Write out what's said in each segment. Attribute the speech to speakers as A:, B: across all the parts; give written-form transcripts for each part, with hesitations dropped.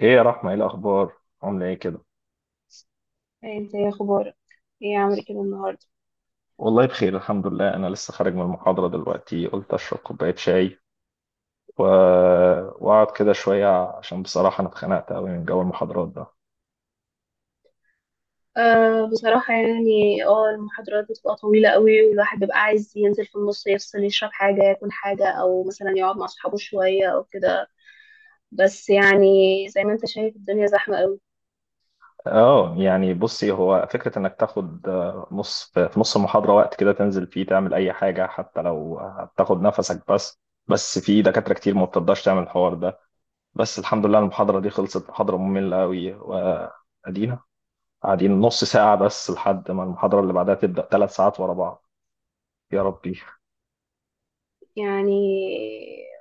A: ايه يا رحمة، ايه الاخبار؟ عاملة ايه كده؟
B: انت يا اخبارك، ايه عامل كده النهارده؟
A: والله بخير، الحمد لله. انا لسه خارج من المحاضرة دلوقتي، قلت اشرب كوباية شاي و... واقعد كده شوية، عشان بصراحة انا اتخنقت قوي من جو المحاضرات ده.
B: أه بصراحة يعني المحاضرات بتبقى طويلة قوي، والواحد بيبقى عايز ينزل في النص يفصل، يشرب حاجة، ياكل حاجة، أو مثلا يقعد مع أصحابه شوية أو كده. بس يعني زي ما انت شايف الدنيا زحمة قوي.
A: اه، يعني بصي، هو فكرة انك تاخد نص في نص المحاضرة وقت كده تنزل فيه تعمل اي حاجة، حتى لو هتاخد نفسك بس. بس في دكاترة كتير ما بتقدرش تعمل الحوار ده. بس الحمد لله المحاضرة دي خلصت. محاضرة مملة قوي، وادينا قاعدين نص ساعة بس لحد ما المحاضرة اللي بعدها تبدأ. 3 ساعات ورا بعض، يا ربي.
B: يعني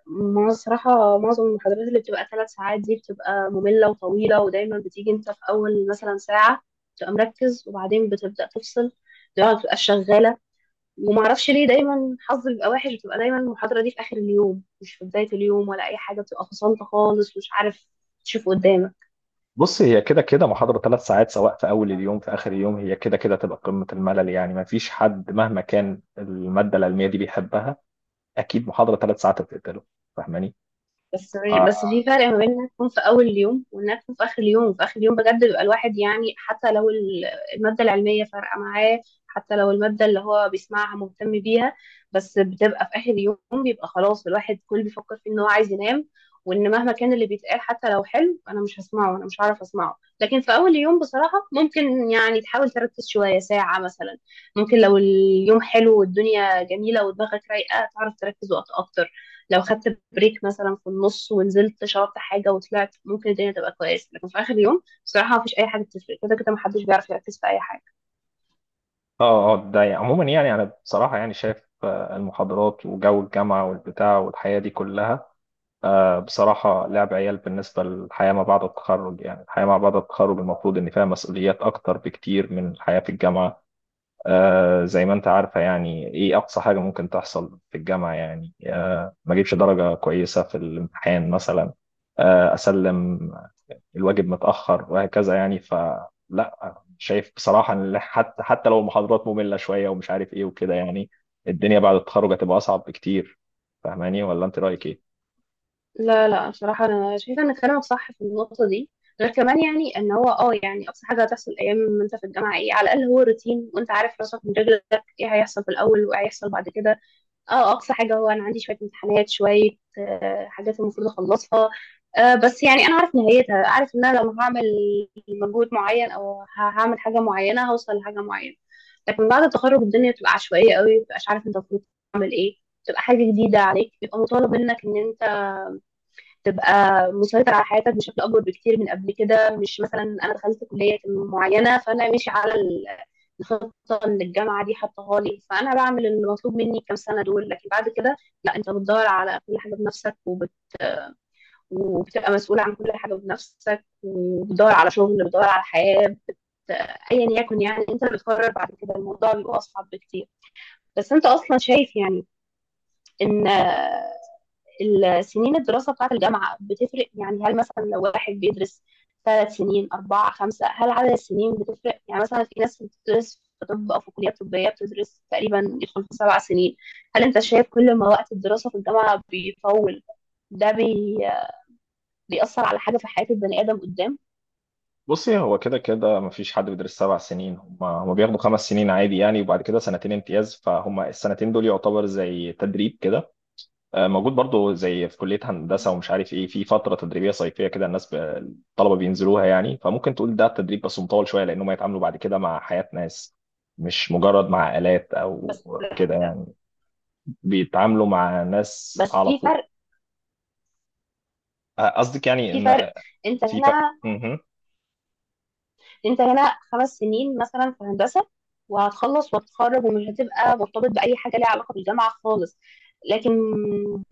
B: ما الصراحة معظم المحاضرات اللي بتبقى ثلاث ساعات دي بتبقى مملة وطويلة، ودايما بتيجي انت في أول مثلا ساعة بتبقى مركز، وبعدين بتبدأ تفصل، دماغك بتبقى شغالة. وما اعرفش ليه دايما حظي بيبقى وحش، بتبقى دايما المحاضره دي في اخر اليوم مش في بدايه اليوم، ولا اي حاجه، بتبقى فصلت خالص، مش عارف تشوف قدامك.
A: بص، هي كده كده محاضرة 3 ساعات سواء في أول اليوم في آخر اليوم، هي كده كده تبقى قمة الملل يعني. ما فيش حد مهما كان المادة العلمية دي بيحبها، أكيد محاضرة 3 ساعات هتقتله. فاهماني؟
B: بس
A: ف-
B: بس في فرق ما بين انها تكون في اول اليوم وانها تكون في اخر اليوم. في اخر اليوم بجد بيبقى الواحد يعني حتى لو الماده العلميه فارقه معاه، حتى لو الماده اللي هو بيسمعها مهتم بيها، بس بتبقى في اخر اليوم، بيبقى خلاص الواحد كل بيفكر في ان هو عايز ينام، وان مهما كان اللي بيتقال حتى لو حلو انا مش هسمعه، انا مش هعرف اسمعه. لكن في اول اليوم بصراحه ممكن يعني تحاول تركز شويه ساعه مثلا. ممكن لو اليوم حلو والدنيا جميله ودماغك رايقه تعرف تركز وقت اكتر. لو خدت بريك مثلا في النص ونزلت شربت حاجه وطلعت ممكن الدنيا تبقى كويسه، لكن في اخر يوم بصراحه مفيش اي حاجه بتفرق، كده كده محدش بيعرف يركز في اي حاجه.
A: اه، اه، ده يعني عموما، يعني أنا بصراحة يعني شايف المحاضرات وجو الجامعة والبتاع والحياة دي كلها، بصراحة لعب عيال بالنسبة للحياة ما بعد التخرج. يعني الحياة ما بعد التخرج المفروض إن فيها مسؤوليات أكتر بكتير من الحياة في الجامعة. زي ما أنت عارفة، يعني إيه أقصى حاجة ممكن تحصل في الجامعة؟ يعني ما أجيبش درجة كويسة في الامتحان مثلا، أسلم. الواجب متأخر وهكذا يعني. فلا، شايف بصراحة إن حتى لو المحاضرات مملة شوية ومش عارف إيه وكده يعني، الدنيا بعد التخرج هتبقى أصعب بكتير. فاهماني ولا أنت رأيك إيه؟
B: لا بصراحه انا شايفه ان كلامك صح في النقطه دي. غير كمان يعني ان هو يعني اقصى حاجه هتحصل ايام ما انت في الجامعه ايه؟ على الاقل هو روتين، وانت عارف راسك من رجلك، ايه هيحصل في الاول وايه هيحصل بعد كده. اه اقصى حاجه هو انا عندي شويه امتحانات، شويه آه، حاجات المفروض اخلصها، آه، بس يعني انا عارف نهايتها، عارف ان انا لو هعمل مجهود معين او هعمل حاجه معينه هوصل لحاجه معينه. لكن بعد التخرج الدنيا بتبقى عشوائيه قوي، ما بتبقاش عارف انت المفروض تعمل ايه، بتبقى حاجه جديده عليك، بيبقى مطالب منك ان تبقى مسيطر على حياتك بشكل اكبر بكتير من قبل كده. مش مثلا انا دخلت كليه معينه فانا ماشي على الخطه اللي الجامعه دي حطاها لي، فانا بعمل اللي مطلوب مني الكام سنه دول، لكن بعد كده لا، انت بتدور على كل حاجه بنفسك، وبتبقى مسؤول عن كل حاجه بنفسك، وبتدور على شغل، بتدور على حياه، ايا يكن، يعني انت اللي بتقرر بعد كده، الموضوع بيبقى اصعب بكتير. بس انت اصلا شايف يعني ان السنين الدراسة بتاعة الجامعة بتفرق؟ يعني هل مثلا لو واحد بيدرس ثلاث سنين، أربعة، خمسة، هل عدد السنين بتفرق؟ يعني مثلا في ناس بتدرس في طب أو في كليات طبية بتدرس تقريبا، يدخل في سبع سنين. هل أنت شايف كل ما وقت الدراسة في الجامعة بيطول، ده بيأثر على حاجة في حياة البني آدم قدام؟
A: بصي، هو كده كده مفيش حد بيدرس 7 سنين. هم بياخدوا 5 سنين عادي يعني، وبعد كده سنتين امتياز، فهم السنتين دول يعتبر زي تدريب كده. موجود برضو زي في كلية هندسة ومش عارف ايه، في فترة تدريبية صيفية كده الناس الطلبة بينزلوها يعني. فممكن تقول ده تدريب بس مطول شوية، لأنهم يتعاملوا بعد كده مع حياة ناس، مش مجرد مع آلات أو
B: بس
A: كده يعني. بيتعاملوا مع ناس
B: بس
A: على
B: في
A: طول.
B: فرق،
A: قصدك يعني
B: في
A: إن
B: فرق. انت
A: في فرق.
B: هنا انت هنا خمس سنين مثلا في هندسه، وهتخلص وتتخرج ومش هتبقى مرتبط باي حاجه ليها علاقه بالجامعه خالص. لكن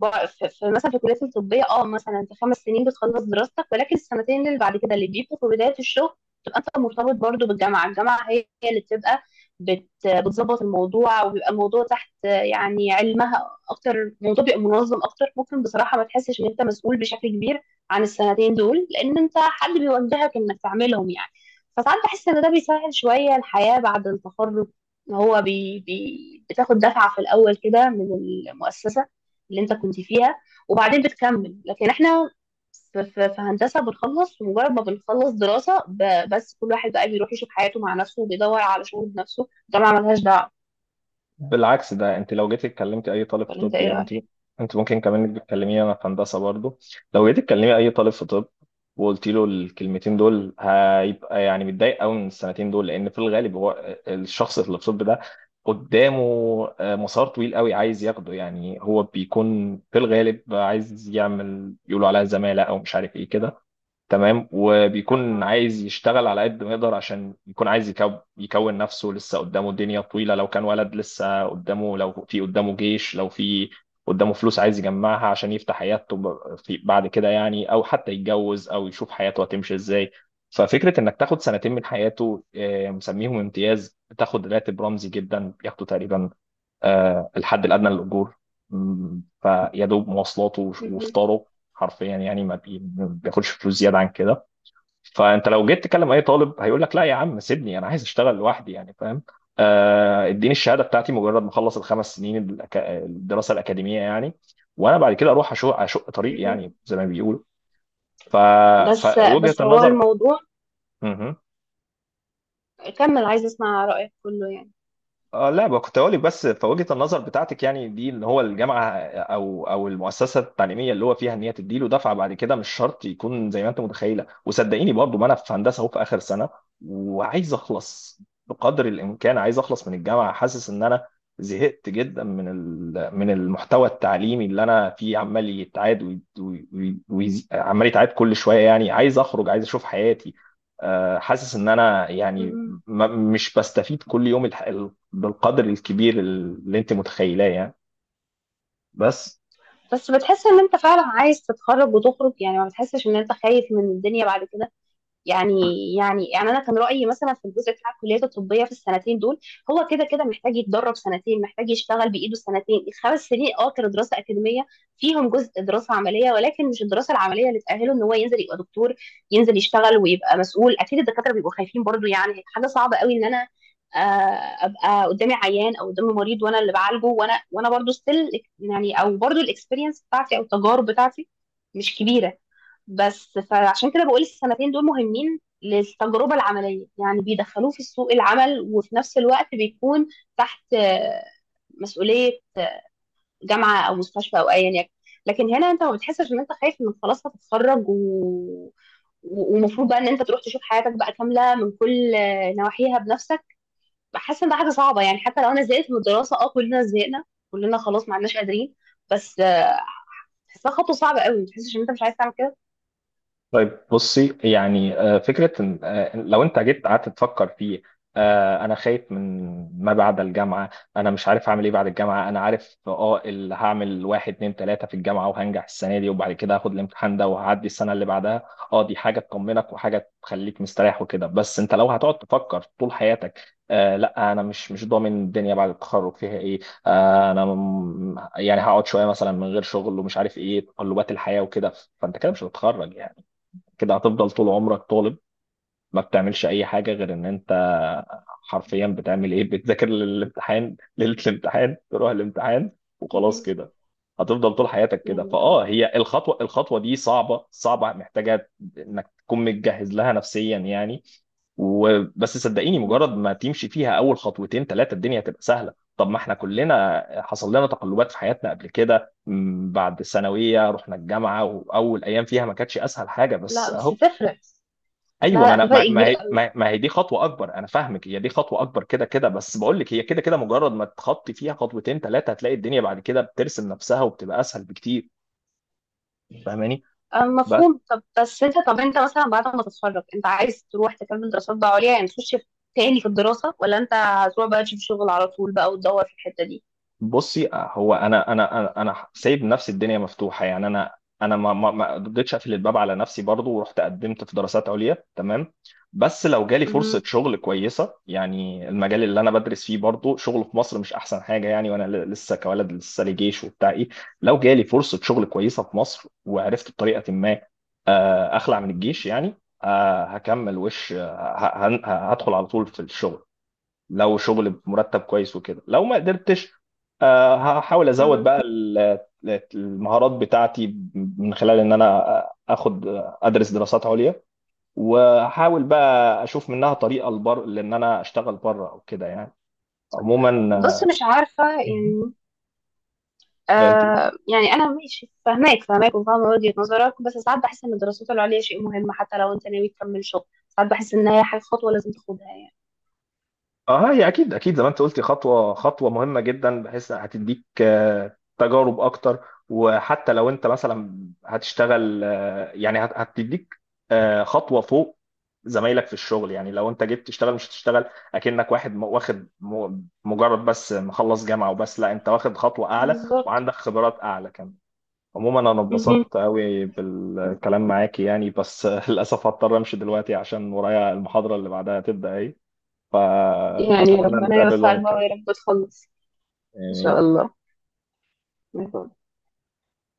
B: مثلا في الكليات الطبيه اه مثلا انت خمس سنين بتخلص دراستك، ولكن السنتين اللي بعد كده اللي بيبقوا في بدايه الشغل تبقى انت مرتبط برضو بالجامعه، الجامعه هي هي اللي بتظبط الموضوع، وبيبقى الموضوع تحت يعني علمها اكتر، الموضوع بيبقى منظم اكتر، ممكن بصراحه ما تحسش ان انت مسؤول بشكل كبير عن السنتين دول، لان انت حد بيوجهك انك تعملهم يعني. فساعات بحس ان ده بيسهل شويه الحياه بعد التخرج، إن هو بي بي بتاخد دفعه في الاول كده من المؤسسه اللي انت كنت فيها، وبعدين بتكمل. لكن احنا في, في هندسه بنخلص، ومجرد ما بنخلص دراسه ب- بس كل واحد بقى بيروح يشوف حياته مع نفسه وبيدور على شغل بنفسه، الجامعه ملهاش دعوه.
A: يعني، بالعكس، ده انت لو جيتي اتكلمتي اي طالب في
B: ولا انت
A: طب،
B: ايه
A: يعني انت
B: رايك؟
A: انت ممكن كمان انك بتكلميني انا في هندسه برضو. لو جيتي تكلمي اي طالب في طب وقلت له الكلمتين دول، هيبقى يعني متضايق قوي من السنتين دول، لان في الغالب هو الشخص اللي في الطب ده قدامه مسار طويل قوي عايز ياخده. يعني هو بيكون في الغالب عايز يعمل يقولوا عليها زماله او مش عارف ايه كده. تمام، وبيكون
B: اه.
A: عايز يشتغل على قد ما يقدر، عشان يكون عايز يكون نفسه، لسه قدامه الدنيا طويلة، لو كان ولد لسه قدامه، لو في قدامه جيش، لو في قدامه فلوس عايز يجمعها عشان يفتح حياته في بعد كده يعني، او حتى يتجوز او يشوف حياته هتمشي ازاي. ففكرة انك تاخد سنتين من حياته، مسميهم امتياز، تاخد راتب رمزي جدا، بياخدوا تقريبا الحد الأدنى للأجور، فيا دوب مواصلاته
B: مهم.
A: وفطاره. حرفيا يعني، ما بياخدش فلوس زيادة عن كده. فأنت لو جيت تكلم أي طالب هيقول لك: لا يا عم سيبني، أنا عايز أشتغل لوحدي يعني، فاهم؟ اديني الشهادة بتاعتي مجرد ما أخلص الخمس سنين الدراسة الأكاديمية يعني، وأنا بعد كده أروح أشق طريق
B: مهم.
A: يعني، زي ما بيقولوا. ف...
B: بس
A: فوجهة
B: هو
A: النظر.
B: الموضوع،
A: مهم.
B: كمل عايز اسمع رايك كله يعني.
A: اه، لا بقى، كنت اقول لك بس في وجهة النظر بتاعتك يعني دي، ان هو الجامعه او المؤسسه التعليميه اللي هو فيها، ان هي تديله دفعه بعد كده، مش شرط يكون زي ما انت متخيله. وصدقيني برضو، ما انا في هندسه اهو، في اخر سنه وعايز اخلص بقدر الامكان، عايز اخلص من الجامعه، حاسس ان انا زهقت جدا من من المحتوى التعليمي اللي انا فيه. عمال يتعاد عمال يتعاد كل شويه يعني، عايز اخرج، عايز اشوف حياتي. حاسس ان انا يعني
B: مهم.
A: مش بستفيد كل يوم بالقدر الكبير اللي انت متخيلاه يعني. بس.
B: بس بتحس ان انت فعلا عايز تتخرج وتخرج يعني؟ ما بتحسش ان انت خايف من الدنيا بعد كده؟ يعني يعني انا كان رايي مثلا في الجزء بتاع الكليات الطبيه في السنتين دول هو كده كده محتاج يتدرب سنتين، محتاج يشتغل بايده سنتين. الخمس سنين اه كانوا دراسه اكاديميه فيهم جزء دراسه عمليه، ولكن مش الدراسه العمليه اللي تاهله ان هو ينزل يبقى دكتور، ينزل يشتغل ويبقى مسؤول. اكيد الدكاتره بيبقوا خايفين برضو، يعني حاجه صعبه قوي ان انا آه، ابقى قدامي عيان او قدامي مريض وانا اللي بعالجه، وانا وانا برضو ستيل يعني، او برضو الاكسبيرينس بتاعتي او التجارب بتاعتي مش كبيره. بس فعشان كده بقول السنتين دول مهمين للتجربة العملية، يعني بيدخلوه في سوق العمل وفي نفس الوقت بيكون تحت آه، مسؤولية جامعة أو مستشفى أو أيا يكن. لكن هنا أنت ما بتحسش إن أنت خايف إنك خلاص هتتخرج ومفروض بقى إن أنت تروح تشوف حياتك بقى كاملة من كل آه، نواحيها بنفسك؟ بحس إن ده حاجة صعبة يعني. حتى لو أنا زهقت من الدراسة، أه كلنا زهقنا، كلنا خلاص ما عدناش قادرين، بس آه، بحسها خطوة صعبة قوي، ما تحسش إن أنت مش عايز تعمل كده؟
A: طيب بصي، يعني فكرة لو أنت جيت قعدت تفكر فيه، أنا خايف من ما بعد الجامعة، أنا مش عارف هعمل إيه بعد الجامعة. أنا عارف أه اللي هعمل، واحد اتنين تلاتة في الجامعة، وهنجح السنة دي، وبعد كده هاخد الامتحان ده، وهعدي السنة اللي بعدها. أه، دي حاجة تطمنك وحاجة تخليك مستريح وكده. بس أنت لو هتقعد تفكر طول حياتك لا، أنا مش ضامن الدنيا بعد التخرج فيها إيه، أنا يعني هقعد شوية مثلا من غير شغل، ومش عارف إيه تقلبات الحياة وكده، فأنت كده مش هتتخرج يعني. كده هتفضل طول عمرك طالب، ما بتعملش اي حاجه غير ان انت حرفيا بتعمل ايه؟ بتذاكر للامتحان ليله الامتحان، تروح الامتحان، وخلاص
B: مهم.
A: كده. هتفضل طول حياتك كده.
B: يعني اه.
A: هي الخطوه دي صعبه، صعبه، محتاجه انك تكون متجهز لها نفسيا يعني. وبس، صدقيني مجرد ما تمشي فيها اول خطوتين ثلاثه، الدنيا هتبقى سهله. طب ما احنا كلنا حصل لنا تقلبات في حياتنا قبل كده، بعد الثانويه رحنا الجامعه، واول ايام فيها ما كانتش اسهل حاجه، بس
B: لا بس
A: اهو.
B: تفرق.
A: ايوه،
B: لا
A: ما
B: لا في
A: انا
B: فرق
A: ما ما
B: كبير
A: هي
B: قوي.
A: ما ما هي دي خطوه اكبر، انا فاهمك. هي دي خطوه اكبر كده كده، بس بقول لك هي كده كده، مجرد ما تخطي فيها خطوتين ثلاثه هتلاقي الدنيا بعد كده بترسم نفسها، وبتبقى اسهل بكتير. فاهماني؟
B: آه، مفهوم. طب بس انت، طب انت مثلا بعد ما تتخرج انت عايز تروح تكمل دراسات بقى عليا يعني، تاني في الدراسة، ولا انت هتروح بقى تشوف شغل على طول بقى وتدور في الحتة دي؟
A: بصي، هو انا سايب نفسي الدنيا مفتوحه يعني. انا ما قدرتش اقفل الباب على نفسي برضو، ورحت قدمت في دراسات عليا تمام. بس لو جالي فرصه
B: مهم.
A: شغل كويسه يعني، المجال اللي انا بدرس فيه برضو شغله في مصر مش احسن حاجه يعني. وانا لسه كولد، لسه لي جيش وبتاع ايه. لو جالي فرصه شغل كويسه في مصر، وعرفت بطريقه ما اخلع من الجيش يعني، هكمل وش آه، ه- هن- هدخل على طول في الشغل، لو شغل بمرتب كويس وكده. لو ما قدرتش، هحاول ازود
B: مم.
A: بقى المهارات بتاعتي من خلال ان انا اخد، ادرس دراسات عليا، واحاول بقى اشوف منها طريقه لبر، لان انا اشتغل بره او كده يعني. عموما.
B: بص مش عارفة
A: مهم.
B: يعني.
A: انت،
B: آه يعني أنا ماشي، فاهماك وفاهمة وجهة نظرك، بس ساعات بحس إن الدراسات العليا شيء مهم، حتى لو أنت ناوي تكمل شغل، ساعات بحس إن هي حاجة، خطوة لازم تاخدها يعني.
A: اه، هي اكيد اكيد زي ما انت قلتي، خطوه، خطوه مهمه جدا، بحيث هتديك تجارب اكتر. وحتى لو انت مثلا هتشتغل، يعني هتديك خطوه فوق زمايلك في الشغل. يعني لو انت جيت تشتغل، مش هتشتغل اكنك واحد واخد مجرد بس مخلص جامعه وبس. لا، انت واخد خطوه اعلى،
B: بالظبط.
A: وعندك خبرات اعلى كمان. عموما، انا
B: مهم.
A: اتبسطت قوي بالكلام معاكي يعني، بس للاسف هضطر امشي دلوقتي، عشان ورايا المحاضره اللي بعدها تبدا.
B: يعني
A: فأتمنى
B: ربنا
A: نتقابل
B: يوفقك بقى
A: ونتكلم
B: ويا رب تخلص. إن شاء
A: يعني.
B: الله.